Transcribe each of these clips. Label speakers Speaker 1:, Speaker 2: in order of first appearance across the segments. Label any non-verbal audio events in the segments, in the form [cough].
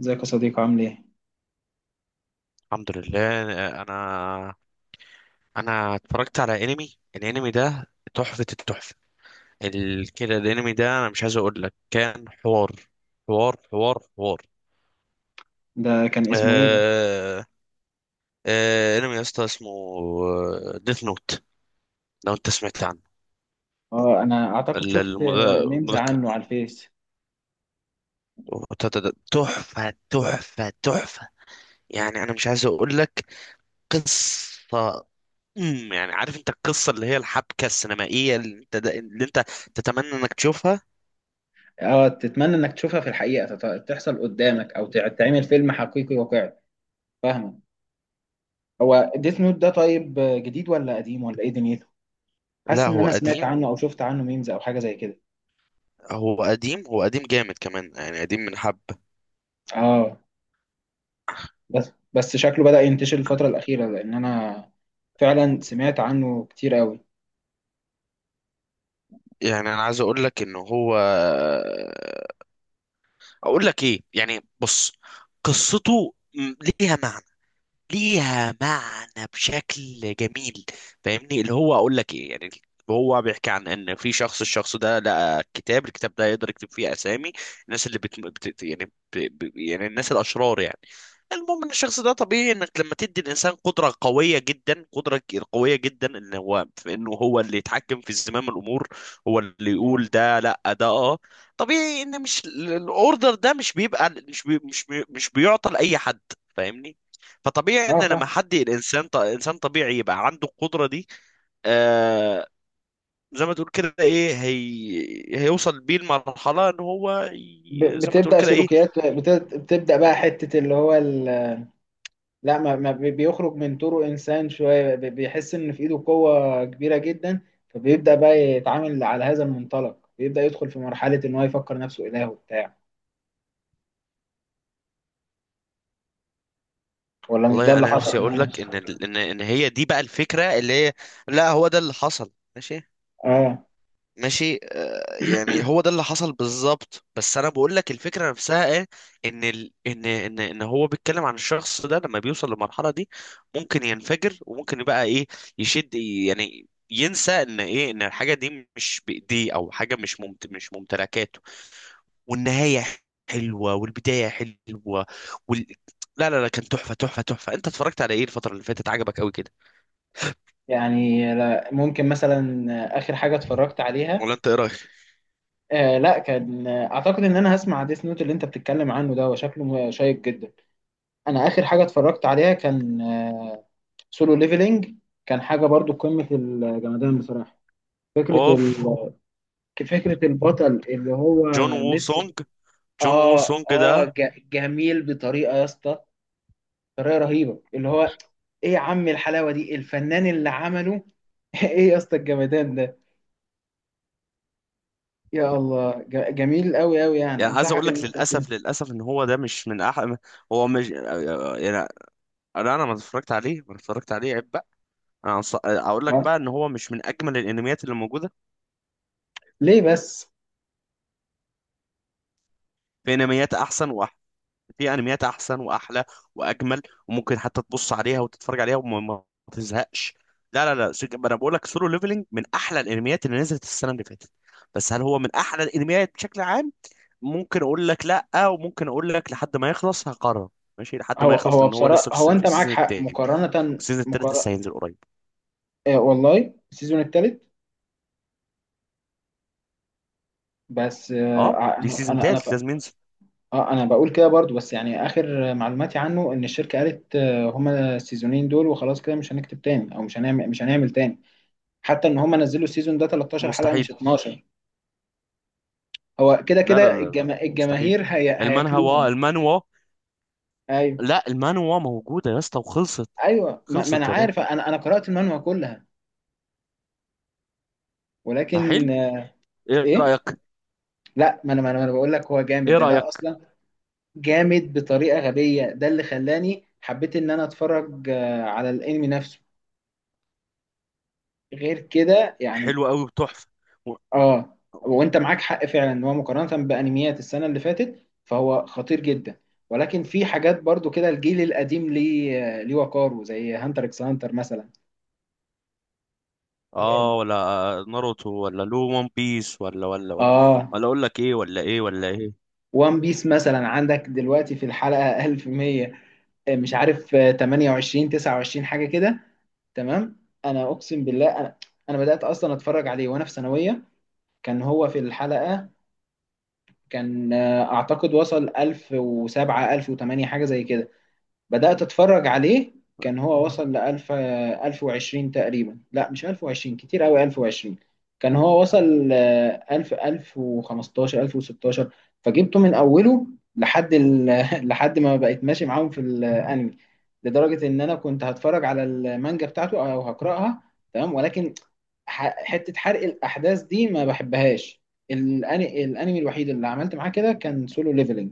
Speaker 1: ازيك يا صديقي عامل ايه؟
Speaker 2: الحمد لله. انا انا اتفرجت على الانمي ده تحفة التحفة. كده الانمي ده انا مش عايز اقول لك، كان حوار حوار حوار حوار.
Speaker 1: ده كان اسمه ايه ده؟
Speaker 2: آه... انمي يا اسطى اسمه ديث نوت، لو انت سمعت عنه.
Speaker 1: اه، انا اعتقد
Speaker 2: ال-
Speaker 1: شفت
Speaker 2: الم-
Speaker 1: ميمز
Speaker 2: المذكر
Speaker 1: عنه على الفيس.
Speaker 2: تحفة تحفة تحفة. يعني انا مش عايز اقول لك، قصة، يعني عارف انت القصة اللي هي الحبكة السينمائية اللي انت تتمنى انك تشوفها.
Speaker 1: اه، تتمنى انك تشوفها في الحقيقة، تحصل قدامك او تعمل فيلم حقيقي واقعي. فاهمة؟ هو ديث نوت ده طيب، جديد ولا قديم ولا ايه دنيته؟
Speaker 2: لا
Speaker 1: حاسس ان
Speaker 2: هو
Speaker 1: انا سمعت
Speaker 2: قديم،
Speaker 1: عنه او شفت عنه ميمز او حاجة زي كده.
Speaker 2: هو قديم جامد كمان، يعني قديم من حب.
Speaker 1: اه. بس بس شكله بدأ ينتشر الفترة الأخيرة، لأن أنا فعلا سمعت عنه كتير قوي.
Speaker 2: يعني انا عايز اقول لك ان هو، اقول لك ايه، يعني بص، قصته ليها ليها معنى بشكل جميل. فاهمني، اللي هو اقول لك ايه يعني. هو بيحكي عن ان في شخص، الشخص ده لقى كتاب، الكتاب ده يقدر يكتب فيه اسامي الناس اللي بت... بت... يعني ب... ب... يعني الناس الاشرار يعني. المهم ان الشخص ده، طبيعي انك لما تدي الانسان قدره قويه جدا، قدره قويه جدا، ان هو، في انه هو اللي يتحكم في زمام الامور، هو اللي
Speaker 1: اه.
Speaker 2: يقول ده لا ده اه. طبيعي ان مش الاوردر ده مش بيبقى، مش بيعطى لاي حد. فاهمني. فطبيعي
Speaker 1: اه،
Speaker 2: ان لما
Speaker 1: فاهم.
Speaker 2: حد الانسان انسان طبيعي يبقى عنده القدره دي. آه، زي ما تقول كده ايه، هيوصل بيه المرحله ان هو، زي ما تقول
Speaker 1: بتبدأ
Speaker 2: كده ايه.
Speaker 1: سلوكيات، بتبدأ بقى حتة اللي هو، لا ما بيخرج من طوره انسان شويه، بيحس ان في ايده قوه كبيره جدا، فبيبدا بقى يتعامل على هذا المنطلق، بيبدا يدخل في مرحله ان هو يفكر نفسه اله وبتاع. ولا مش ده
Speaker 2: والله
Speaker 1: اللي
Speaker 2: انا
Speaker 1: حصل؟
Speaker 2: نفسي اقول لك ان ان هي دي بقى الفكره اللي هي، لا هو ده اللي حصل، ماشي.
Speaker 1: اه.
Speaker 2: ماشي يعني هو ده اللي حصل بالظبط، بس انا بقول لك الفكره نفسها ايه. ان ال... ان ان ان هو بيتكلم عن الشخص ده لما بيوصل للمرحله دي، ممكن ينفجر وممكن يبقى ايه، يشد، يعني ينسى ان ايه، ان الحاجه دي مش بايديه، او حاجه مش ممتلكاته. والنهايه حلوه والبدايه حلوه وال... لا لا لا، كان تحفه تحفه تحفه. انت اتفرجت على ايه الفتره اللي فاتت عجبك قوي كده؟
Speaker 1: يعني لا، ممكن مثلا اخر حاجه اتفرجت عليها،
Speaker 2: ولا انت ايه رايك؟
Speaker 1: لا، كان، اعتقد ان انا هسمع ديس نوت اللي انت بتتكلم عنه ده، وشكله شيق جدا. انا اخر حاجه اتفرجت عليها كان سولو ليفلينج. كان حاجه برضو قمه الجمدان بصراحه. فكره
Speaker 2: اوف.
Speaker 1: ال- فكرة البطل اللي هو
Speaker 2: جون وو
Speaker 1: لسه،
Speaker 2: سونج، جون وو
Speaker 1: اه.
Speaker 2: سونج ده.
Speaker 1: اه، جميل بطريقة يا اسطى، طريقة رهيبة اللي هو، ايه يا عم الحلاوة دي الفنان اللي عمله! [laughs] ايه يا اسطى الجمدان ده. يا الله، جميل قوي قوي، يعني
Speaker 2: يعني عايز
Speaker 1: انصحك
Speaker 2: اقول
Speaker 1: ان
Speaker 2: لك،
Speaker 1: انت تشوف.
Speaker 2: للاسف للاسف، ان هو ده مش من احلى، هو مش يعني، انا ما اتفرجت عليه، ما اتفرجت عليه، عيب بقى. انا اقول لك
Speaker 1: آه.
Speaker 2: بقى ان هو مش من اجمل الانميات اللي موجوده.
Speaker 1: ليه بس؟
Speaker 2: في انميات احسن واحلى، في انميات احسن واحلى واجمل، وممكن حتى تبص عليها وتتفرج عليها وما ما تزهقش. لا لا لا، انا بقول لك، سولو ليفلنج من احلى الانميات اللي نزلت السنه اللي فاتت. بس هل هو من احلى الانميات بشكل عام؟ ممكن اقول لك لا، وممكن اقول لك لحد ما يخلص هقرر. ماشي، لحد ما
Speaker 1: هو
Speaker 2: يخلص،
Speaker 1: هو
Speaker 2: لان هو
Speaker 1: بصراحة،
Speaker 2: لسه في
Speaker 1: هو
Speaker 2: في
Speaker 1: انت معاك
Speaker 2: السيزون
Speaker 1: حق،
Speaker 2: التاني،
Speaker 1: مقارنة
Speaker 2: والسيزون التالت لسه
Speaker 1: مقارنة.
Speaker 2: هينزل قريب.
Speaker 1: آه، والله السيزون الثالث. بس
Speaker 2: اه، دي
Speaker 1: انا
Speaker 2: سيزون
Speaker 1: انا انا
Speaker 2: تالت لازم ينزل.
Speaker 1: اه، انا بقول كده برضو، بس يعني اخر معلوماتي عنه ان الشركه قالت هما السيزونين دول وخلاص كده، مش هنكتب تاني، او مش هنعمل تاني. حتى ان هما نزلوا السيزون ده 13 حلقه
Speaker 2: مستحيل.
Speaker 1: مش 12. هو كده
Speaker 2: لا لا
Speaker 1: كده
Speaker 2: لا لا مستحيل.
Speaker 1: الجماهير هياكلوهم.
Speaker 2: المانوا،
Speaker 1: ايوه.
Speaker 2: لا المانوا موجوده يا اسطى وخلصت.
Speaker 1: ايوه، ما انا
Speaker 2: خلصت يا بابا.
Speaker 1: عارف، انا قرات المانوا كلها.
Speaker 2: ما حلو.
Speaker 1: ولكن
Speaker 2: ايه
Speaker 1: ايه.
Speaker 2: رايك؟
Speaker 1: لا، ما أنا بقول لك هو جامد،
Speaker 2: ايه
Speaker 1: ده
Speaker 2: رايك؟
Speaker 1: ده اصلا جامد بطريقه غبيه. ده اللي خلاني حبيت ان انا اتفرج على الانمي نفسه، غير كده يعني.
Speaker 2: حلو قوي وتحفه و-
Speaker 1: اه. وانت معاك حق فعلا، ان هو مقارنه بانميات السنه اللي فاتت فهو خطير جدا. ولكن في حاجات برضو كده الجيل القديم ليه ليه وقاره، زي هانتر اكس هانتر مثلا.
Speaker 2: اه. ولا ناروتو، ولا لو ون بيس، ولا ولا ولا
Speaker 1: اه.
Speaker 2: ولا اقول لك ايه، ولا ايه ولا ايه.
Speaker 1: وان بيس مثلا عندك دلوقتي في الحلقه 1100، مش عارف، 28 29 حاجه كده. تمام. انا اقسم بالله، انا بدات اصلا اتفرج عليه وانا في ثانويه. كان هو في الحلقه، كان اعتقد وصل 1007 1008 حاجه زي كده. بدأت أتفرج عليه. كان هو وصل لألف، 1020 تقريبا. لا مش 1020، كتير أوي 1020. كان هو وصل ألف، 1015، 1016. فجبته من أوله لحد [laughs] لحد ما بقيت ماشي معاهم في الأنمي. لدرجة إن أنا كنت هتفرج على المانجا بتاعته أو هقرأها. تمام، ولكن حتة حرق الأحداث دي ما بحبهاش. الأنمي الوحيد اللي عملت معاه كده كان سولو ليفلنج.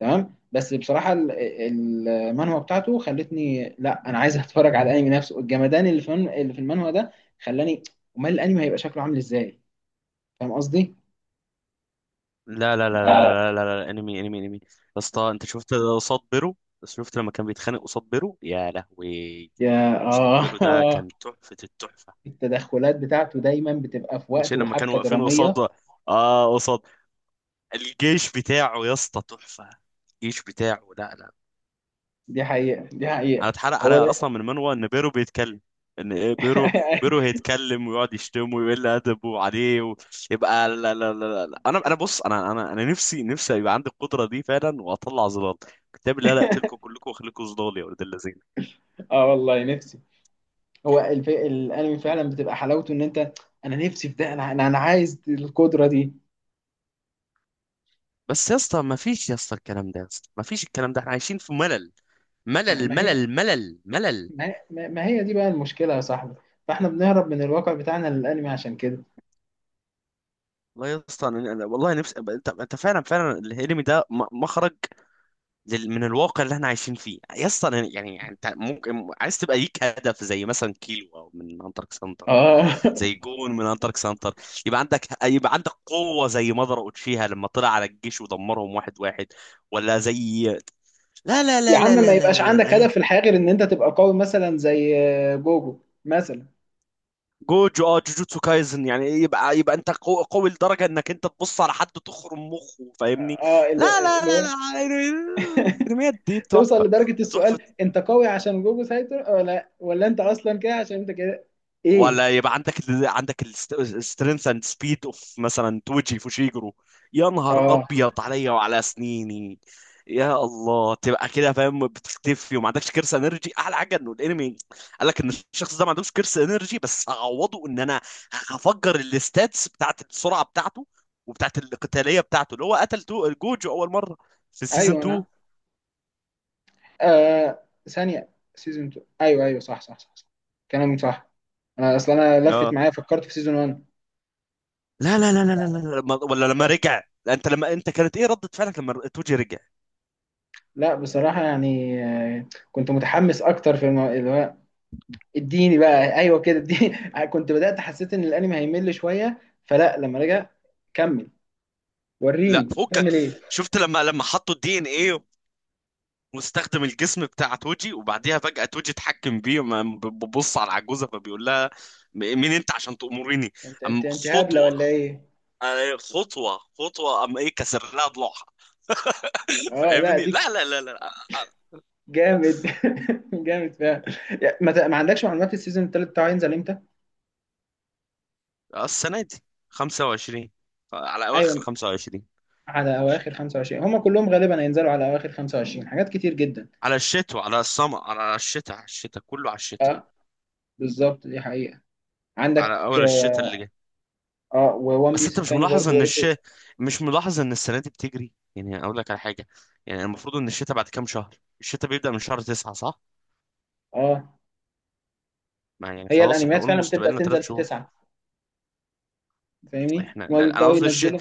Speaker 1: تمام، بس بصراحه المانهوا بتاعته خلتني، لا انا عايز اتفرج على الانمي نفسه، الجمدان اللي في المانهوا ده خلاني. امال الانمي هيبقى شكله عامل ازاي؟ فاهم قصدي؟
Speaker 2: لا لا لا لا لا لا لا, انمي انمي انمي يا اسطى، انت شفت قصاد بيرو؟ شفت لما كان بيتخانق قصاد بيرو يا لهوي؟
Speaker 1: يا
Speaker 2: قصاد بيرو ده
Speaker 1: اه.
Speaker 2: كان
Speaker 1: [laughs]
Speaker 2: تحفة التحفة.
Speaker 1: التدخلات بتاعته دايما بتبقى في
Speaker 2: مش
Speaker 1: وقت
Speaker 2: لما كانوا
Speaker 1: وحبكه
Speaker 2: واقفين قصاد،
Speaker 1: دراميه.
Speaker 2: اه قصاد الجيش بتاعه، يا اسطى تحفة. الجيش بتاعه، لا لا،
Speaker 1: دي حقيقه دي
Speaker 2: انا
Speaker 1: حقيقه.
Speaker 2: اتحرق
Speaker 1: هو
Speaker 2: عليا
Speaker 1: ده.
Speaker 2: اصلا من منوى ان بيرو بيتكلم، ان ايه بيرو، بيرو
Speaker 1: [laughs]
Speaker 2: هيتكلم ويقعد يشتمه ويقل ادبه عليه، ويبقى لا لا لا لا. انا بص، انا نفسي يبقى عندي القدره دي فعلا واطلع ظلال كتاب. لا لا، اقتلكم كلكم واخليكم ظلال يا ولد الذين.
Speaker 1: اه، والله نفسي. هو الانمي فعلا بتبقى حلاوته ان انت. انا نفسي في ده، انا انا أنا عايز القدره دي.
Speaker 2: بس يا اسطى ما فيش يا اسطى الكلام ده، يا اسطى ما فيش الكلام ده، احنا عايشين في ملل
Speaker 1: ما
Speaker 2: ملل
Speaker 1: ما هي
Speaker 2: ملل ملل ملل.
Speaker 1: ما هي دي بقى المشكلة يا صاحبي. فاحنا بنهرب من الواقع بتاعنا للأنمي عشان كده.
Speaker 2: والله يا اسطى انا، والله نفسي انت انت فعلا فعلا الانمي ده مخرج من الواقع اللي احنا عايشين فيه يا اسطى. يعني انت ممكن عايز تبقى ليك هدف زي مثلا كيلو او من انترك سنتر، ولا
Speaker 1: اه. [laughs]
Speaker 2: زي جون من انترك سنتر. يبقى عندك، يبقى عندك قوه زي مضر اوتشيها لما طلع على الجيش ودمرهم واحد واحد، ولا زي، لا لا
Speaker 1: يا
Speaker 2: لا
Speaker 1: عم
Speaker 2: لا
Speaker 1: ما
Speaker 2: لا لا
Speaker 1: يبقاش
Speaker 2: لا,
Speaker 1: عندك
Speaker 2: لا.
Speaker 1: هدف في الحياة غير ان انت تبقى قوي، مثلا زي جوجو مثلا.
Speaker 2: جوجو. اه، جوجوتسو كايزن، يعني يبقى يبقى انت قوي لدرجه انك انت تبص على حد تخرم مخه، فاهمني.
Speaker 1: اه،
Speaker 2: لا
Speaker 1: اللي
Speaker 2: لا
Speaker 1: اللي
Speaker 2: لا
Speaker 1: هو
Speaker 2: لا الانميات دي
Speaker 1: توصل
Speaker 2: تحفه
Speaker 1: لدرجة
Speaker 2: تحفه.
Speaker 1: السؤال: انت قوي عشان جوجو سايتر، ولا انت اصلا كده عشان انت كده؟ ايه.
Speaker 2: ولا يبقى عندك عندك السترينث اند سبيد اوف مثلا توجي فوشيجرو. يا نهار
Speaker 1: اه،
Speaker 2: ابيض عليا وعلى سنيني. يا الله، تبقى كده فاهم، بتختفي وما عندكش كرسي انرجي، احلى حاجه انه الانمي قال لك ان الشخص ده ما عندوش كرسي انرجي، بس هعوضه ان انا هفجر الستاتس بتاعت السرعه بتاعته وبتاعت القتاليه بتاعته، اللي هو قتل تو جوجو اول مره في السيزون
Speaker 1: ايوه
Speaker 2: 2.
Speaker 1: انا. آه، ثانية. سيزون 2، ايوه ايوه. صح صح صح, صح. كلامك صح. اصل انا لفت
Speaker 2: اه،
Speaker 1: معايا، فكرت في سيزون 1.
Speaker 2: لا لا لا لا لا لا لا، ولا لما رجع. انت لما انت كانت ايه ردة فعلك لما توجي رجع؟
Speaker 1: لا بصراحة يعني، كنت متحمس أكتر في اللي هو اديني بقى، أيوه كده اديني. [laughs] كنت بدأت حسيت إن الأنمي هيمل شوية، فلا. لما رجع، كمل
Speaker 2: لا
Speaker 1: وريني
Speaker 2: فكك،
Speaker 1: هتعمل إيه.
Speaker 2: شفت لما لما حطوا الدي ان ايه، واستخدم الجسم بتاع توجي، وبعديها فجأة توجي اتحكم بيه، ببص على العجوزة فبيقول لها، مين انت عشان تأمريني؟
Speaker 1: أنت أنت
Speaker 2: أم
Speaker 1: أنت هبلة
Speaker 2: خطوة،
Speaker 1: ولا إيه؟
Speaker 2: خطوة خطوة، أم ايه، كسر لها ضلوعها. [laughs]
Speaker 1: أه لا
Speaker 2: فاهمني.
Speaker 1: ديك.
Speaker 2: لا لا لا لا.
Speaker 1: جامد. [laughs] جامد فعلا. يعني ما عندكش معلومات السيزون التالت بتاعه هينزل إمتى؟
Speaker 2: السنة دي 25، على أواخر
Speaker 1: أيوه.
Speaker 2: 25،
Speaker 1: على أواخر 25. هما كلهم غالبا هينزلوا على أواخر 25، حاجات كتير جدا.
Speaker 2: على الشتاء، على السمر، على الشتاء، على الشتاء كله، على الشتاء،
Speaker 1: بالظبط، دي حقيقة. عندك
Speaker 2: على أول الشتاء اللي جاي.
Speaker 1: وون
Speaker 2: بس
Speaker 1: بيس
Speaker 2: انت مش
Speaker 1: التاني
Speaker 2: ملاحظ
Speaker 1: برضو
Speaker 2: ان
Speaker 1: وقف.
Speaker 2: مش ملاحظ ان السنه دي بتجري؟ يعني اقول لك على حاجه، يعني المفروض ان الشتاء بعد كام شهر، الشتاء بيبدا من شهر 9 صح.
Speaker 1: أه،
Speaker 2: ما يعني
Speaker 1: هي
Speaker 2: خلاص احنا
Speaker 1: الانميات
Speaker 2: قول
Speaker 1: فعلا بتبدا
Speaker 2: مستقبلنا ثلاث
Speaker 1: تنزل في
Speaker 2: شهور
Speaker 1: تسعة. فاهمني؟
Speaker 2: احنا
Speaker 1: ان هو
Speaker 2: لا، انا
Speaker 1: بيبداوا
Speaker 2: قصدي
Speaker 1: ينزلوا.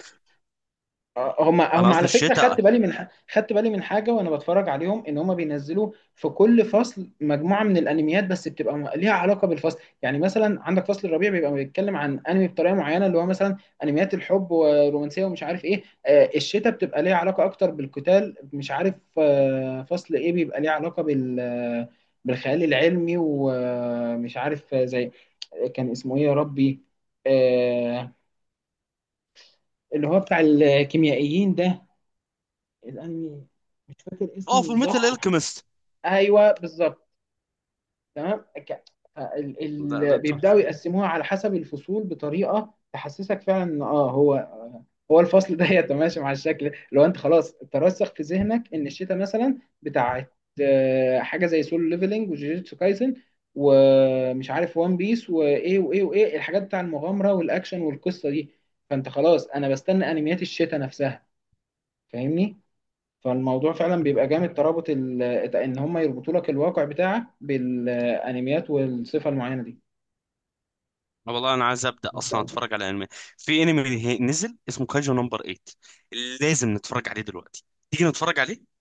Speaker 1: هم
Speaker 2: انا
Speaker 1: هم
Speaker 2: قصدي
Speaker 1: على فكره، خدت
Speaker 2: الشتاء.
Speaker 1: بالي من خدت بالي من حاجه وانا بتفرج عليهم، ان هم بينزلوا في كل فصل مجموعه من الانميات، بس بتبقى ليها علاقه بالفصل. يعني مثلا عندك فصل الربيع بيبقى بيتكلم عن انمي بطريقه معينه، اللي هو مثلا انميات الحب ورومانسيه ومش عارف ايه. الشتاء بتبقى ليها علاقه اكتر بالقتال. مش عارف فصل ايه بيبقى ليه علاقه بالخيال العلمي. ومش عارف زي، كان اسمه ايه يا ربي؟ آه، اللي هو بتاع الكيميائيين ده، الانمي، مش فاكر اسمه
Speaker 2: اه، في ميتال
Speaker 1: بالظبط.
Speaker 2: الكيمست،
Speaker 1: ايوه بالظبط. تمام، ال...
Speaker 2: ده ده
Speaker 1: بيبداوا
Speaker 2: تحفه.
Speaker 1: يقسموها على حسب الفصول بطريقه تحسسك فعلا ان هو هو الفصل [laughs] ده يتماشى مع الشكل. لو انت خلاص ترسخ في ذهنك ان الشتاء مثلا بتاعت حاجه زي سولو ليفلنج وجوجيتسو كايسن، ومش عارف وان بيس وايه وايه وايه الحاجات بتاع المغامره والاكشن والقصه دي، فانت خلاص انا بستنى انميات الشتاء نفسها. فاهمني؟ فالموضوع فعلا بيبقى جامد، ترابط ان هم يربطوا لك الواقع بتاعك بالانميات والصفة المعينة دي.
Speaker 2: والله انا عايز ابدا اصلا اتفرج على انمي، في انمي نزل اسمه كاجو نمبر 8، لازم نتفرج عليه دلوقتي، تيجي نتفرج عليه؟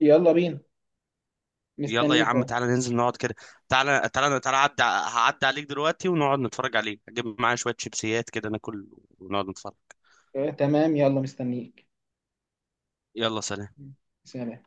Speaker 1: يلا بينا.
Speaker 2: يلا يا
Speaker 1: مستنيك
Speaker 2: عم،
Speaker 1: اهو.
Speaker 2: تعالى ننزل نقعد كده، تعالى تعالى تعالى عدى، هعدي عليك دلوقتي ونقعد نتفرج عليه، اجيب معايا شوية شيبسيات كده ناكل ونقعد نتفرج.
Speaker 1: آه، تمام يلا مستنيك.
Speaker 2: يلا، سلام.
Speaker 1: سلام.